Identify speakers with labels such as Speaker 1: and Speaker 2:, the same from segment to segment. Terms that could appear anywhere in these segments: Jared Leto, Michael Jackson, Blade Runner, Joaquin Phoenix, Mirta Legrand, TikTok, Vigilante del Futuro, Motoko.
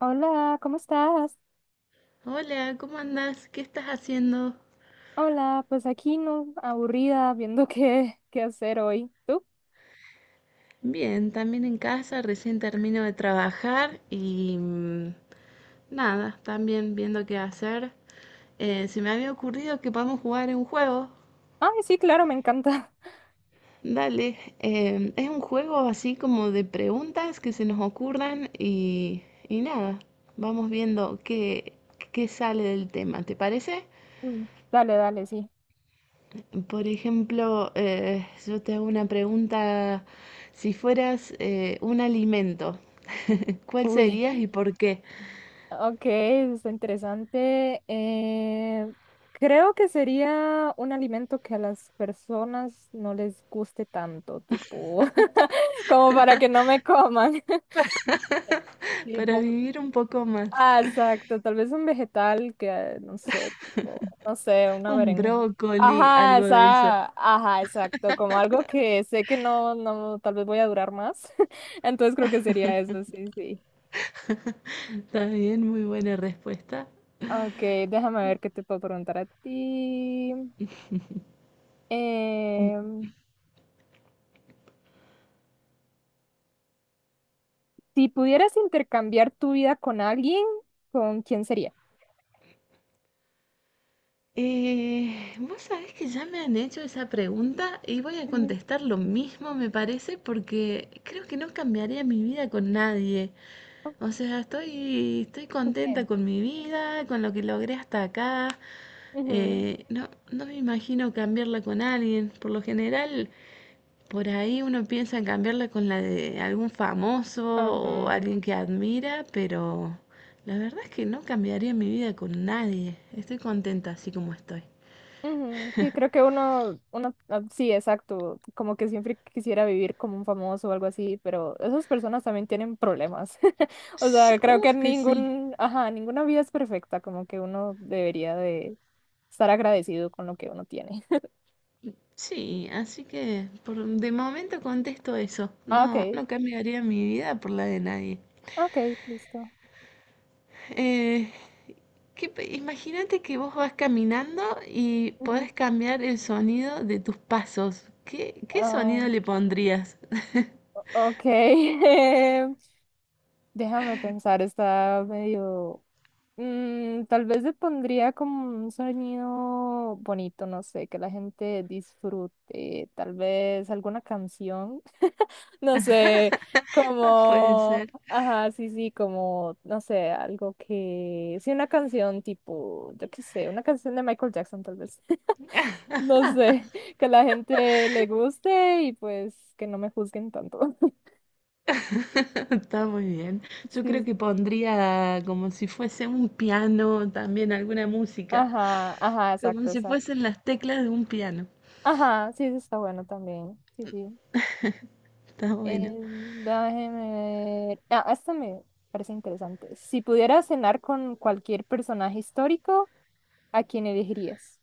Speaker 1: Hola, ¿cómo estás?
Speaker 2: Hola, ¿cómo andás? ¿Qué estás haciendo?
Speaker 1: Hola, pues aquí no, aburrida, viendo qué hacer hoy. ¿Tú?
Speaker 2: Bien, también en casa, recién termino de trabajar y nada, también viendo qué hacer. Se me había ocurrido que podemos jugar un juego.
Speaker 1: Ay, sí, claro, me encanta.
Speaker 2: Dale, es un juego así como de preguntas que se nos ocurran y nada, vamos viendo qué sale del tema, ¿te parece?
Speaker 1: Mm. Dale, dale, sí.
Speaker 2: Por ejemplo, yo te hago una pregunta, si fueras un alimento. ¿Cuál
Speaker 1: Uy,
Speaker 2: serías y por qué?
Speaker 1: ok, está interesante. Creo que sería un alimento que a las personas no les guste tanto, tipo, como para que no me coman.
Speaker 2: Para
Speaker 1: Tipo.
Speaker 2: vivir un poco más.
Speaker 1: Ah, exacto, tal vez un vegetal que, no sé, tipo, no sé, una
Speaker 2: Un
Speaker 1: berenjena.
Speaker 2: brócoli,
Speaker 1: Ajá,
Speaker 2: algo de eso.
Speaker 1: esa, ajá, exacto, como algo que sé que no, no, tal vez voy a durar más. Entonces creo que sería eso, sí, sí.
Speaker 2: Está bien, muy buena respuesta.
Speaker 1: Ok, déjame ver qué te puedo preguntar a ti. Em, si pudieras intercambiar tu vida con alguien, ¿con quién sería?
Speaker 2: Vos sabés que ya me han hecho esa pregunta y voy a
Speaker 1: Ujú.
Speaker 2: contestar lo mismo, me parece, porque creo que no cambiaría mi vida con nadie. O sea, estoy contenta
Speaker 1: Ok.
Speaker 2: con mi vida, con lo que logré hasta acá.
Speaker 1: Ujú,
Speaker 2: No me imagino cambiarla con alguien. Por lo general, por ahí uno piensa en cambiarla con la de algún famoso o
Speaker 1: ujú.
Speaker 2: alguien que admira, pero la verdad es que no cambiaría mi vida con nadie. Estoy contenta así como estoy.
Speaker 1: Ujú. Sí, creo que uno, ah, sí, exacto, como que siempre quisiera vivir como un famoso o algo así, pero esas personas también tienen problemas. O
Speaker 2: Ps,
Speaker 1: sea, creo que
Speaker 2: uf, que sí.
Speaker 1: ningún, ajá, ninguna vida es perfecta, como que uno debería de estar agradecido con lo que uno tiene.
Speaker 2: Sí, así que por de momento contesto eso.
Speaker 1: Ah, ok,
Speaker 2: No, no cambiaría mi vida por la de nadie.
Speaker 1: ok, listo.
Speaker 2: Eh, imagínate que vos vas caminando y
Speaker 1: Ujú.
Speaker 2: podés cambiar el sonido de tus pasos. ¿ qué
Speaker 1: Ah,
Speaker 2: sonido le pondrías?
Speaker 1: ok, déjame pensar, está medio. Mm, tal vez le pondría como un sonido bonito, no sé, que la gente disfrute, tal vez alguna canción, no sé,
Speaker 2: Puede
Speaker 1: como,
Speaker 2: ser.
Speaker 1: ajá, sí, sí, como, no sé, algo que, sí, una canción tipo, yo qué sé, una canción de Michael Jackson tal vez, no sé, que la gente le guste y pues que no me juzguen tanto.
Speaker 2: Está muy bien. Yo creo
Speaker 1: Sí,
Speaker 2: que pondría como si fuese un piano, también alguna música,
Speaker 1: ajá, ajá,
Speaker 2: como
Speaker 1: exacto,
Speaker 2: si
Speaker 1: exacto.
Speaker 2: fuesen las teclas de un piano.
Speaker 1: Ajá, sí, eso está bueno también, sí, sí.
Speaker 2: Está bueno.
Speaker 1: Déjeme ver. Ah, esta me parece interesante. Si pudieras cenar con cualquier personaje histórico, ¿a quién elegirías?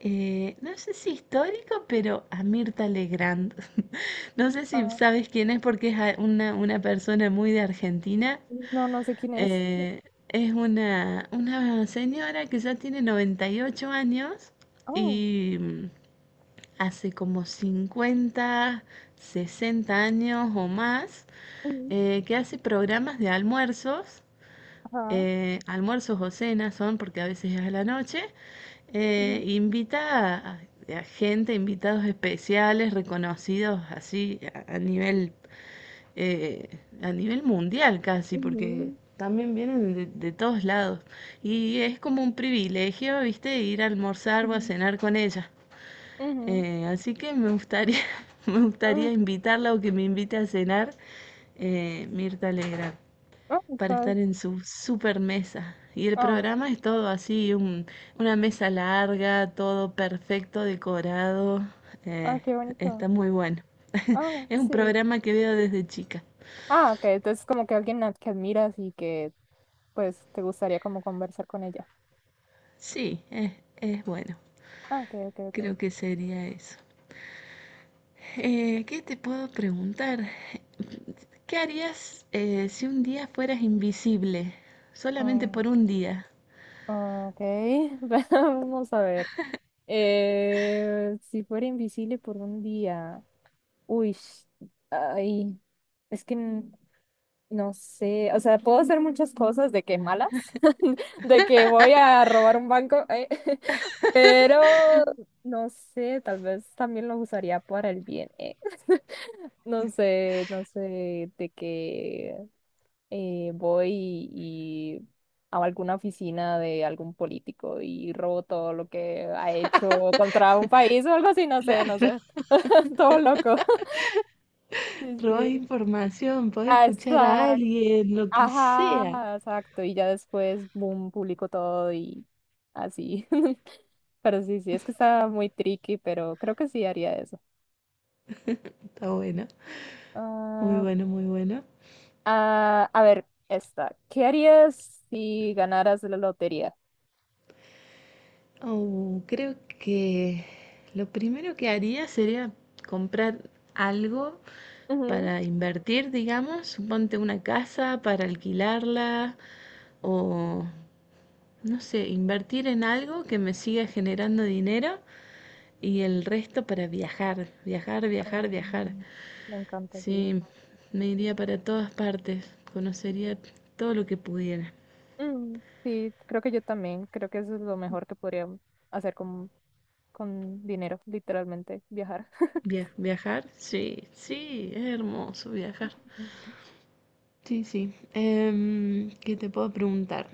Speaker 2: No sé si histórico, pero a Mirta Legrand. No sé si
Speaker 1: Ah,
Speaker 2: sabes quién es porque es una persona muy de Argentina.
Speaker 1: no, no sé quién es.
Speaker 2: Eh, es una señora que ya tiene 98 años
Speaker 1: Oh,
Speaker 2: y hace como 50 60 años o más
Speaker 1: ujú,
Speaker 2: que hace programas de almuerzos,
Speaker 1: ajá.
Speaker 2: almuerzos o cenas son, porque a veces es a la noche, eh,
Speaker 1: Ujú,
Speaker 2: invita a, a gente, invitados especiales, reconocidos así a nivel mundial casi, porque
Speaker 1: ujú,
Speaker 2: también vienen de todos lados. Y es como un privilegio, viste, ir a almorzar o a
Speaker 1: ujú,
Speaker 2: cenar con ella.
Speaker 1: ujú,
Speaker 2: Así que me gustaría, me
Speaker 1: mm,
Speaker 2: gustaría invitarla o que me invite a cenar Mirta Legrand
Speaker 1: ah,
Speaker 2: para
Speaker 1: estás.
Speaker 2: estar en su super mesa. Y el
Speaker 1: Ah,
Speaker 2: programa es todo así, una mesa larga, todo perfecto, decorado.
Speaker 1: ah,
Speaker 2: Eh,
Speaker 1: qué bonito.
Speaker 2: está muy bueno.
Speaker 1: Ah,
Speaker 2: Es un
Speaker 1: sí.
Speaker 2: programa que veo desde chica.
Speaker 1: Ah, ok. Entonces, como que alguien a- que admiras y que, pues, te gustaría como conversar con ella.
Speaker 2: Sí, es bueno.
Speaker 1: Ah, ok, ok, ok.
Speaker 2: Creo que sería eso. ¿Qué te puedo preguntar? ¿Qué harías si un día fueras invisible? Solamente
Speaker 1: Oh,
Speaker 2: por un día.
Speaker 1: ok. Vamos a ver. Si fuera invisible por un día, uy, ay, es que n- no sé, o sea, puedo hacer muchas cosas de que malas, de que voy a robar un banco, pero no sé, tal vez también lo usaría para el bien, eh. No sé, no sé, de que voy y a alguna oficina de algún político y robo todo lo que ha hecho contra un país o algo así, no sé, no
Speaker 2: Claro,
Speaker 1: sé. Todo loco. Sí,
Speaker 2: robás
Speaker 1: sí.
Speaker 2: información, podés escuchar a
Speaker 1: Exacto.
Speaker 2: alguien, lo que sea.
Speaker 1: Ajá, exacto. Y ya después, boom, publico todo y así. Pero sí, sí, es que está muy tricky, pero creo que sí haría eso.
Speaker 2: Está bueno. Muy
Speaker 1: Ah,
Speaker 2: bueno, muy bueno.
Speaker 1: ah, a ver, esta. ¿Qué harías si ganaras la lotería?
Speaker 2: Oh, creo que lo primero que haría sería comprar algo
Speaker 1: Ujú.
Speaker 2: para invertir, digamos, suponte una casa para alquilarla o, no sé, invertir en algo que me siga generando dinero y el resto para viajar, viajar, viajar, viajar.
Speaker 1: Mm. Me encanta, sí.
Speaker 2: Sí, me iría para todas partes, conocería todo lo que pudiera.
Speaker 1: Mm, sí, creo que yo también. Creo que eso es lo mejor que podría hacer con dinero, literalmente, viajar.
Speaker 2: Viajar, sí, sí, es hermoso viajar.
Speaker 1: Ujú.
Speaker 2: Sí, sí. Em, ¿qué te puedo preguntar?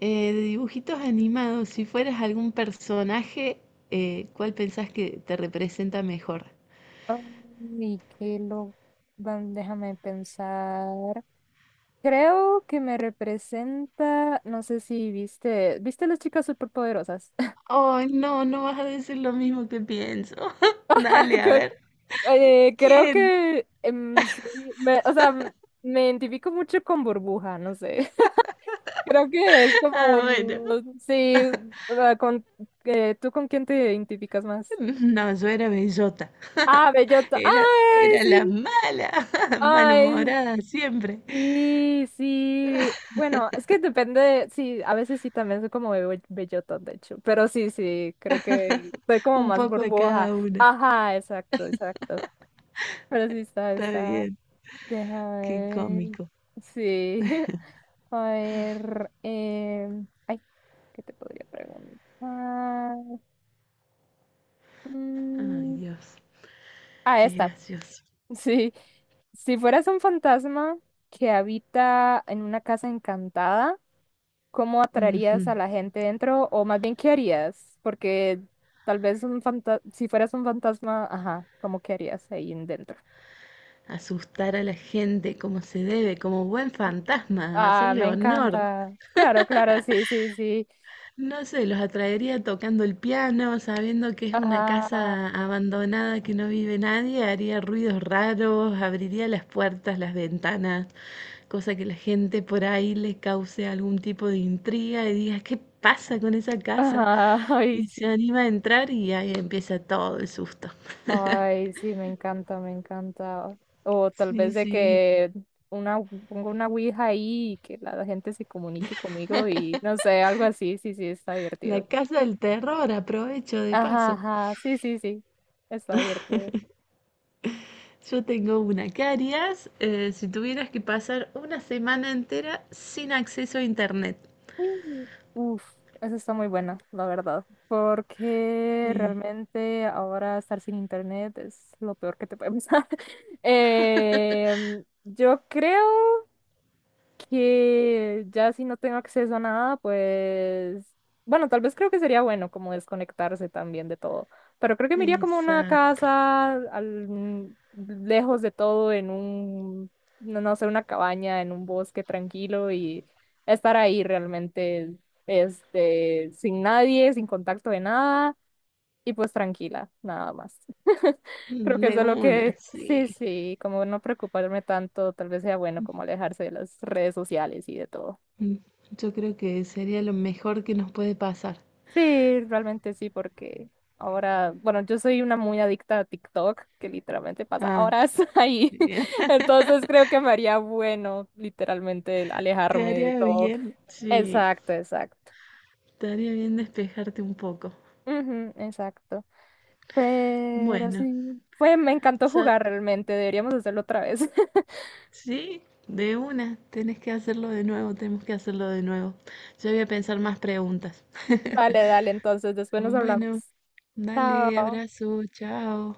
Speaker 2: De dibujitos animados, si fueras algún personaje, ¿cuál pensás que te representa mejor?
Speaker 1: Y que lo... van- déjame pensar. Creo que me representa, no sé si viste, ¿viste las chicas superpoderosas?
Speaker 2: Ay, no, no vas a decir lo mismo que pienso. Dale, a
Speaker 1: Creo
Speaker 2: ver.
Speaker 1: creo
Speaker 2: ¿Quién?
Speaker 1: que soy- me, o sea, me identifico mucho con Burbuja, no sé. Creo que es
Speaker 2: Ah, bueno.
Speaker 1: como, sí, ah, con, ¿tú con quién te identificas más?
Speaker 2: No, yo era bellota.
Speaker 1: Ah, bellota. Ay,
Speaker 2: Era la
Speaker 1: sí.
Speaker 2: mala,
Speaker 1: Ay,
Speaker 2: malhumorada siempre.
Speaker 1: sí, sí. Bueno, es que depende, de- sí, a veces sí también soy como be- bellota, de hecho, pero sí, sí, creo que soy como
Speaker 2: Un
Speaker 1: más
Speaker 2: poco de
Speaker 1: burbuja.
Speaker 2: cada una.
Speaker 1: Ajá, exacto, exacto. Pero sí está,
Speaker 2: Está
Speaker 1: está.
Speaker 2: bien.
Speaker 1: Déjame
Speaker 2: Qué
Speaker 1: ver.
Speaker 2: cómico.
Speaker 1: Sí. A ver, ay, ¿qué te podría preguntar?
Speaker 2: Ay,
Speaker 1: Mm,
Speaker 2: Dios.
Speaker 1: ah,
Speaker 2: Qué
Speaker 1: esta.
Speaker 2: gracioso.
Speaker 1: Sí. Si fueras un fantasma que habita en una casa encantada, ¿cómo
Speaker 2: Ujú.
Speaker 1: atraerías a la gente dentro? O más bien, ¿qué harías? Porque tal vez un fanta- si fueras un fantasma, ajá, ¿cómo qué harías ahí en dentro?
Speaker 2: Asustar a la gente como se debe, como buen fantasma,
Speaker 1: Ah,
Speaker 2: hacerle
Speaker 1: me
Speaker 2: honor.
Speaker 1: encanta. Claro, claro, sí, sí, sí.
Speaker 2: No sé, los atraería tocando el piano, sabiendo que es una
Speaker 1: Ah,
Speaker 2: casa abandonada que no vive nadie, haría ruidos raros, abriría las puertas, las ventanas, cosa que la gente por ahí le cause algún tipo de intriga y diga, ¿qué pasa con esa casa?
Speaker 1: ajá, ay,
Speaker 2: Y
Speaker 1: sí.
Speaker 2: se anima a entrar y ahí empieza todo el susto.
Speaker 1: Ay, sí, me encanta, me encanta. O tal
Speaker 2: Sí,
Speaker 1: vez de
Speaker 2: sí,
Speaker 1: que una, pongo una ouija ahí y que la gente se comunique conmigo y no sé, algo así, sí, sí, está
Speaker 2: la
Speaker 1: divertido.
Speaker 2: casa del terror, aprovecho de
Speaker 1: Ajá,
Speaker 2: paso.
Speaker 1: ajá, sí, sí, sí, está divertido.
Speaker 2: Yo tengo una. ¿Qué harías si tuvieras que pasar una semana entera sin acceso a internet?
Speaker 1: Mm. Uf, eso está muy buena, la verdad, porque
Speaker 2: Eh,
Speaker 1: realmente ahora estar sin internet es lo peor que te puede pasar. Yo creo que ya si no tengo acceso a nada, pues, bueno, tal vez creo que sería bueno como desconectarse también de todo, pero creo que me iría como a una
Speaker 2: exacto.
Speaker 1: casa al- mm, lejos de todo, en un, no, no sé, una cabaña, en un bosque tranquilo y estar ahí realmente, este, sin nadie, sin contacto de nada y pues tranquila, nada más. Creo que
Speaker 2: De
Speaker 1: eso es lo
Speaker 2: una,
Speaker 1: que,
Speaker 2: sí.
Speaker 1: sí, sí, como no preocuparme tanto, tal vez sea bueno como alejarse de las redes sociales y de todo.
Speaker 2: Mm, yo creo que sería lo mejor que nos puede pasar.
Speaker 1: Sí, realmente sí, porque ahora, bueno, yo soy una muy adicta a TikTok, que literalmente pasa
Speaker 2: Ah,
Speaker 1: horas ahí.
Speaker 2: bien.
Speaker 1: Entonces creo que me haría bueno, literalmente, el
Speaker 2: Te
Speaker 1: alejarme de
Speaker 2: haría
Speaker 1: todo.
Speaker 2: bien. Sí,
Speaker 1: Exacto, exacto.
Speaker 2: te haría bien despejarte un poco.
Speaker 1: Ujú, exacto. Pero
Speaker 2: Bueno,
Speaker 1: sí, fue, me encantó
Speaker 2: ya-
Speaker 1: jugar realmente, deberíamos hacerlo otra vez.
Speaker 2: sí, de una. Tenés que hacerlo de nuevo, tenemos que hacerlo de nuevo. Yo voy a pensar más preguntas.
Speaker 1: Dale, dale, entonces después nos hablamos.
Speaker 2: Bueno. Dale,
Speaker 1: Chao.
Speaker 2: abrazo, chao.